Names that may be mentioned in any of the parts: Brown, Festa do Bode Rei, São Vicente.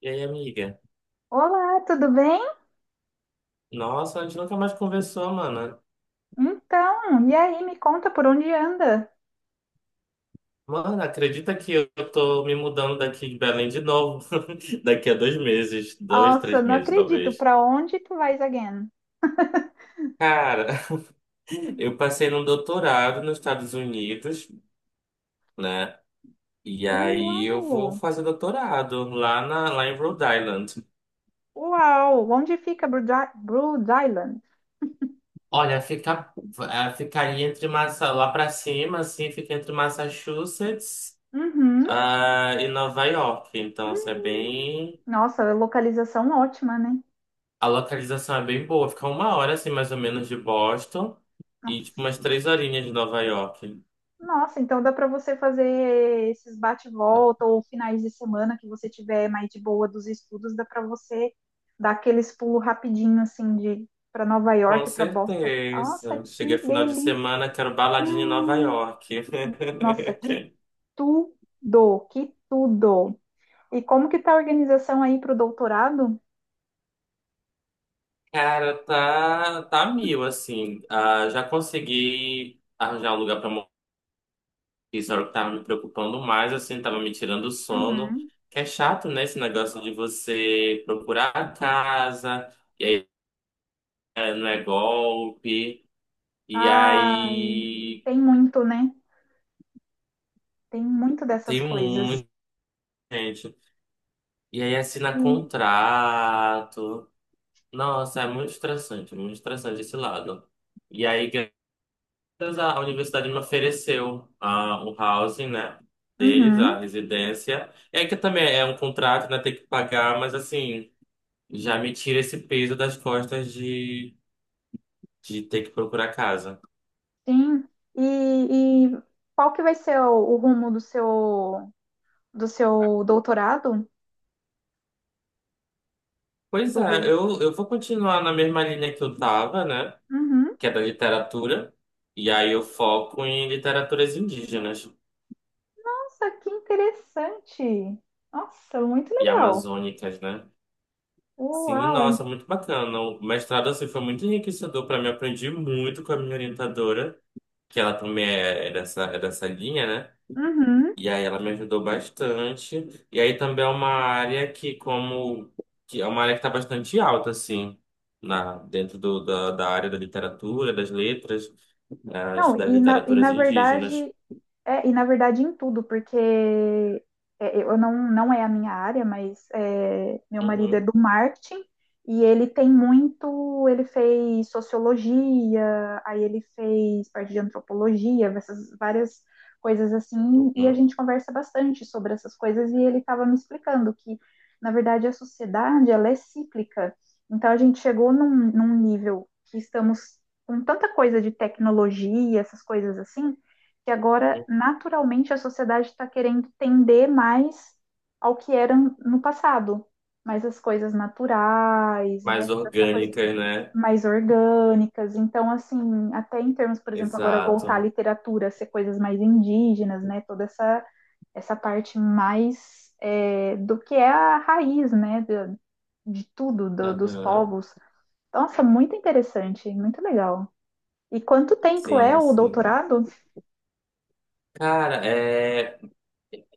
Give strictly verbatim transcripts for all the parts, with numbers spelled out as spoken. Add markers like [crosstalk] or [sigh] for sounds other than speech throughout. E aí, amiga? Olá, tudo bem? Nossa, a gente nunca mais conversou, mano. Então, e aí, me conta por onde anda? Mano, acredita que eu tô me mudando daqui de Belém de novo? [laughs] Daqui a dois meses, dois, Nossa, três não meses, acredito. talvez. Pra onde tu vais again? Cara, [laughs] eu passei num doutorado nos Estados Unidos, né? E aí eu vou Uau! fazer doutorado lá, na, lá em Rhode Island. Uau! Onde fica Brood I- Brood Island? Olha, fica, eh, ficaria entre Massa, lá pra cima, assim, fica entre Massachusetts, Uhum. ah, e Nova York. Então, isso é Hum. bem. Nossa, localização ótima, né? A localização é bem boa, fica uma hora assim mais ou menos de Boston e tipo Nossa. umas três horinhas de Nova York. Nossa, então dá para você fazer esses bate-volta ou finais de semana que você tiver mais de boa dos estudos, dá para você dar aqueles pulos rapidinho assim de para Nova Com York, para Boston. Nossa, certeza. Cheguei que final de delícia! semana, quero baladinha em Nova York. Nossa, que tudo, que tudo. E como que tá a organização aí para o doutorado? [laughs] Cara, tá, tá mil, assim. Ah, já consegui arranjar um lugar pra morar. Isso era o que tava me preocupando mais, assim, tava me tirando o sono. Uhum. Que é chato, né, esse negócio de você procurar a casa, e aí eh, não é golpe. E Ai, aí. tem muito, né? Tem muito dessas Tem coisas. muita gente. E aí assina contrato. Nossa, é muito estressante, muito estressante esse lado. E aí, graças à a universidade me ofereceu ah, o housing, né? Deles, a Uhum. residência. É que também é um contrato, né? Tem que pagar, mas assim, já me tira esse peso das costas de, de ter que procurar casa. Sim. E, e qual que vai ser o, o rumo do seu do seu doutorado, Pois Dudu? é, eu, eu vou continuar na mesma linha que eu tava, né? Uhum. Que é da literatura. E aí eu foco em literaturas indígenas Nossa, que interessante. Nossa, muito e legal. amazônicas, né? Uau. Sim, ai- nossa, muito bacana. O mestrado assim foi muito enriquecedor para mim. Aprendi muito com a minha orientadora, que ela também é é dessa, é dessa linha, né? Uhum. E aí ela me ajudou bastante. E aí também é uma área que como que é uma área que está bastante alta assim, na dentro do, da, da área da literatura, das letras, eh, Não, das e na, e literaturas na indígenas. verdade. É, e na verdade em tudo, porque é, é, eu não, não é a minha área, mas é, meu marido é Uhum, do marketing e ele tem muito, ele fez sociologia, aí ele fez parte de antropologia, essas várias coisas assim, e a uhum. gente conversa bastante sobre essas coisas e ele estava me explicando que, na verdade, a sociedade, ela é cíclica. Então a gente chegou num, num nível que estamos com tanta coisa de tecnologia, essas coisas assim, que agora, Uhum. naturalmente, a sociedade está querendo tender mais ao que era no passado. Mais as coisas naturais, né? Mais Toda essa coisa orgânicas, né? mais orgânicas. Então, assim, até em termos, por exemplo, agora voltar à Exato. literatura, ser coisas mais indígenas, né? Toda essa, essa parte mais é, do que é a raiz, né? De, de tudo, do, dos Aham. povos. Nossa, muito interessante, muito legal. E quanto tempo é Sim, o sim. doutorado? Cara, é,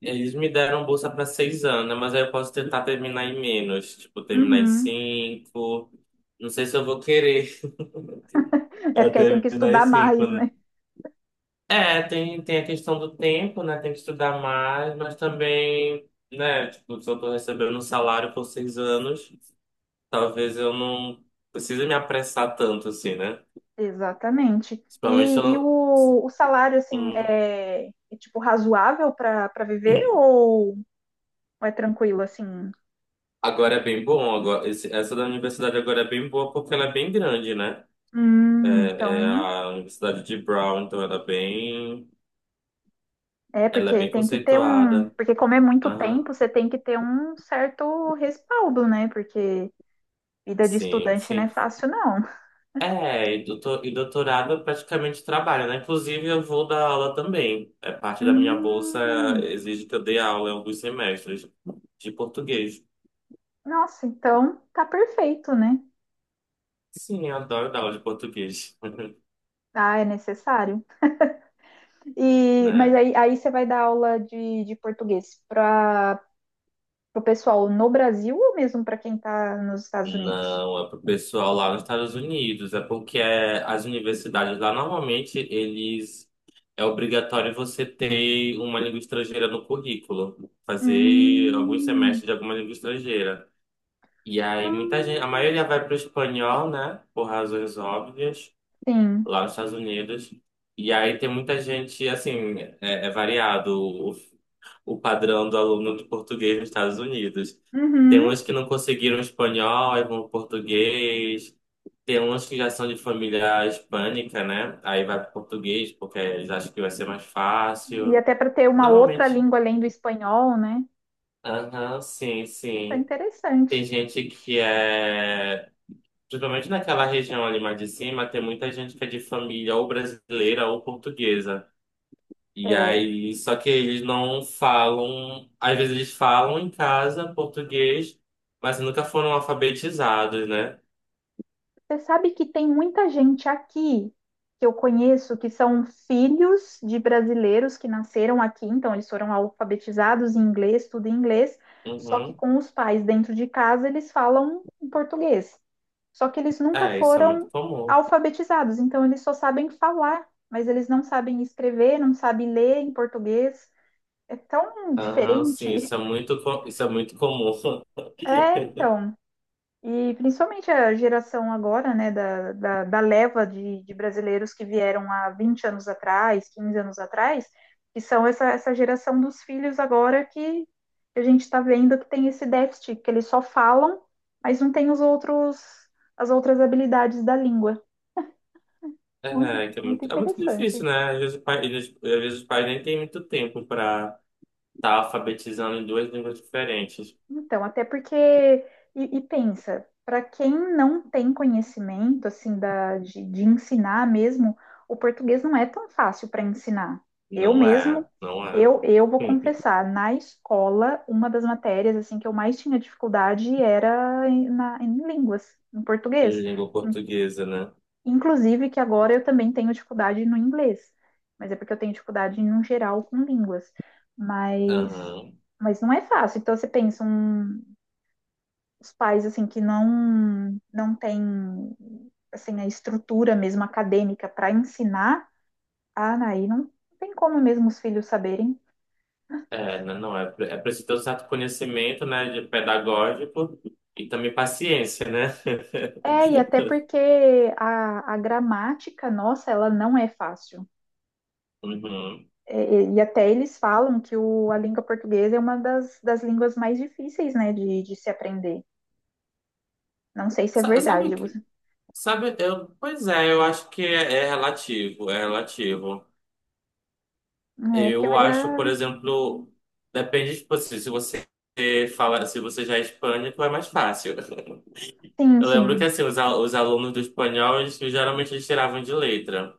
eles me deram bolsa para seis anos, né? Mas aí eu posso tentar terminar em menos, tipo, terminar em Uhum. cinco. Não sei se eu vou querer [laughs] É eu porque aí tem que terminar em estudar cinco. mais, né? É, tem, tem a questão do tempo, né? Tem que estudar mais, mas também, né? Tipo, se eu tô recebendo um salário por seis anos, talvez eu não precise me apressar tanto, assim, né? Exatamente. Principalmente se eu E, e não... o, o salário, assim, Uhum. é, é, tipo razoável para para viver ou é tranquilo, assim? Agora é bem bom, agora, esse- essa da universidade agora é bem boa porque ela é bem grande, né? Hum, É, é então. a Universidade de Brown, então ela é bem, É, ela é porque bem tem que ter um. conceituada. Porque, como é muito Aham, tempo, você tem que ter um certo respaldo, né? Porque vida de sim, estudante não é sim. fácil, não. É, e, doutor, e doutorado eu praticamente trabalho, né? Inclusive eu vou dar aula também. É parte da minha bolsa, Hum, exige que eu dê aula em alguns semestres de português. nossa, então tá perfeito, né? Sim, eu adoro dar aula de português, [laughs] Ah, é necessário. E, mas né? aí, aí você vai dar aula de, de português para. Pro pessoal no Brasil ou mesmo para quem está nos Estados Unidos? Não, é pro pessoal lá nos Estados Unidos. É porque é, as universidades lá normalmente eles é obrigatório você ter uma língua estrangeira no currículo, fazer alguns Hum. semestres de alguma língua estrangeira. E aí muita gente, a Hum, maioria vai pro espanhol, né? Por razões óbvias sim. lá nos Estados Unidos. E aí tem muita gente, assim, é, é variado o, o padrão do aluno de português nos Estados Unidos. Tem Uhum. uns que não conseguiram espanhol, aí vão pro português. Tem uns que já são de família hispânica, né? Aí vai pro português, porque eles acham que vai ser mais E fácil. até para ter uma outra Normalmente. língua além do espanhol, né? Aham, sim, Tá sim. Tem interessante. gente que é. Principalmente naquela região ali mais de cima, tem muita gente que é de família ou brasileira ou portuguesa. E É, aí, só que eles não falam, às vezes eles falam em casa português, mas nunca foram alfabetizados, né? você sabe que tem muita gente aqui que eu conheço que são filhos de brasileiros que nasceram aqui, então eles foram alfabetizados em inglês, tudo em inglês, só que Uhum. com os pais dentro de casa eles falam em português. Só que eles nunca É, isso é muito foram comum. alfabetizados, então eles só sabem falar, mas eles não sabem escrever, não sabem ler em português. É tão Aham, sim, diferente. isso é [laughs] muito, co- isso é muito comum. É, [laughs] então. E principalmente a geração agora, né, da, da, da leva de, de brasileiros que vieram há vinte anos atrás, quinze anos atrás, que são essa, essa geração dos filhos agora que a gente está vendo que tem esse déficit, que eles só falam, mas não tem os outros, as outras habilidades da língua. Muito, É, que é muito muito, é muito difícil, interessante. né? Às vezes, o pai- eles- às vezes os pais nem têm muito tempo para estar alfabetizando em duas línguas diferentes. Então, até porque, e, e pensa, para quem não tem conhecimento, assim, da, de, de ensinar mesmo, o português não é tão fácil para ensinar. Eu Não mesmo, é, não é. eu, eu vou [laughs] confessar, na escola, uma das matérias, assim, que eu mais tinha dificuldade era em- na, em línguas, em português. Língua portuguesa, né? Inclusive que agora eu também tenho dificuldade no inglês, mas é porque eu tenho dificuldade no geral com línguas. Mas, Aham. mas não é fácil. Então você pensa um, os pais assim que não não têm assim a estrutura mesmo acadêmica para ensinar, ah, aí não tem como mesmo os filhos saberem. É, n- não, é, pre- é preciso ter um certo conhecimento, né, de pedagógico e também paciência, né? [laughs] É, e até porque a, a gramática nossa, ela não é fácil. Uhum. É, E, e até eles falam que o, a língua portuguesa é uma das, das línguas mais difíceis, né, de, de se aprender. Não sei se é Sa- Sabe verdade. que, você- sabe, eu, pois é, eu acho que é, é relativo, é relativo. É, porque Eu eu acho, já. por exemplo, depende, tipo, assim, se você fala, se você já é hispânico, é mais fácil. Sim, Eu lembro que, sim. assim, os, al- os alunos do espanhol, eles, geralmente eles tiravam de letra.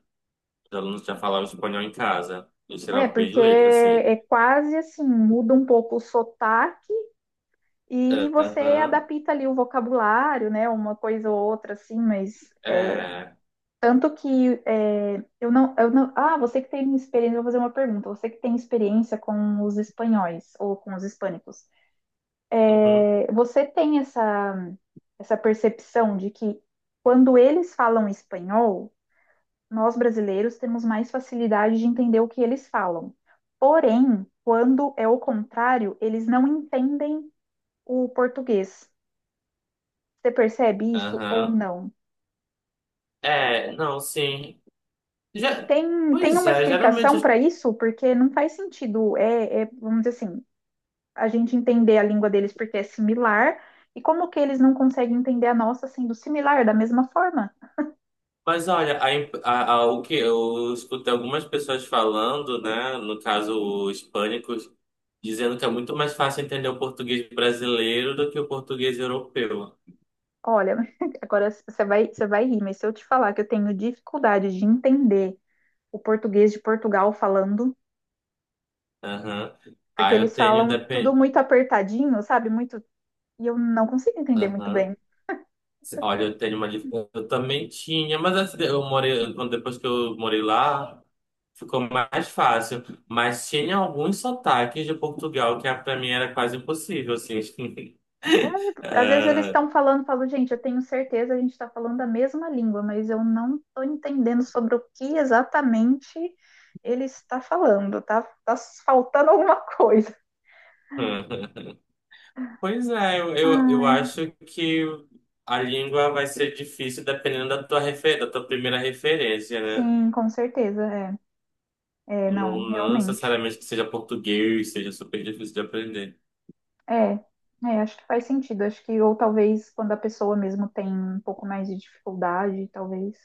Os alunos já falavam espanhol em casa, eles É, tiravam bem de porque letra, assim. é quase assim, muda um pouco o sotaque e você Aham. adapta ali o vocabulário, né, uma coisa ou outra, assim, mas. É, É, tanto que é, eu não, eu não. Ah, você que tem experiência, eu vou fazer uma pergunta. Você que tem experiência com os espanhóis ou com os hispânicos. uhum, Você tem essa, essa percepção de que quando eles falam espanhol, nós brasileiros temos mais facilidade de entender o que eles falam. Porém, quando é o contrário, eles não entendem o português. Você percebe isso ou aham. não? É, não, sim. E Já, tem, tem pois uma é, geralmente. explicação as- para isso? Porque não faz sentido, é, é, vamos dizer assim, a gente entender a língua deles porque é similar, e como que eles não conseguem entender a nossa sendo similar da mesma forma? Mas olha, a, imp- a, a- o que eu escutei algumas pessoas falando, né? No caso, os pânicos, dizendo que é muito mais fácil entender o português brasileiro do que o português europeu. Olha, [laughs] agora você vai, você vai rir, mas se eu te falar que eu tenho dificuldade de entender o português de Portugal falando, Aham. porque Aí eu eles tenho falam tudo depende. muito apertadinho, sabe? Muito, e eu não consigo entender muito bem. Olha, eu tenho uma. dif- eu também tinha, mas assim, eu morei. quando- Depois que eu morei lá, ficou mais fácil. Mas tinha alguns sotaques de Portugal que ah, pra mim era quase impossível, assim. [laughs] É, às vezes eles Ah, estão falando, falo, gente, eu tenho certeza a gente está falando a mesma língua, mas eu não estou entendendo sobre o que exatamente ele está falando, tá, tá faltando alguma coisa. [laughs] pois é, eu, eu, eu Ah, acho que a língua vai ser difícil dependendo da tua, refer, da tua primeira referência, né? sim, com certeza, é. É, Não, não, não realmente. necessariamente que seja português, seja super difícil de aprender. É, é, acho que faz sentido. Acho que, ou talvez quando a pessoa mesmo tem um pouco mais de dificuldade, talvez.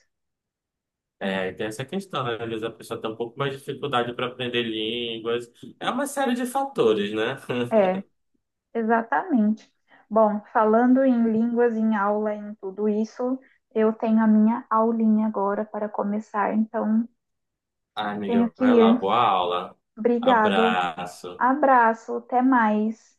É, tem essa questão, né? Às vezes a pessoa tem um pouco mais de dificuldade para aprender línguas. É uma série de fatores, né? [laughs] É, é, exatamente. Bom, falando em línguas, em aula, em tudo isso, eu tenho a minha aulinha agora para começar, então Ah, tenho amiga, que vai lá, ir. boa aula. Obrigado, Abraço. abraço, até mais.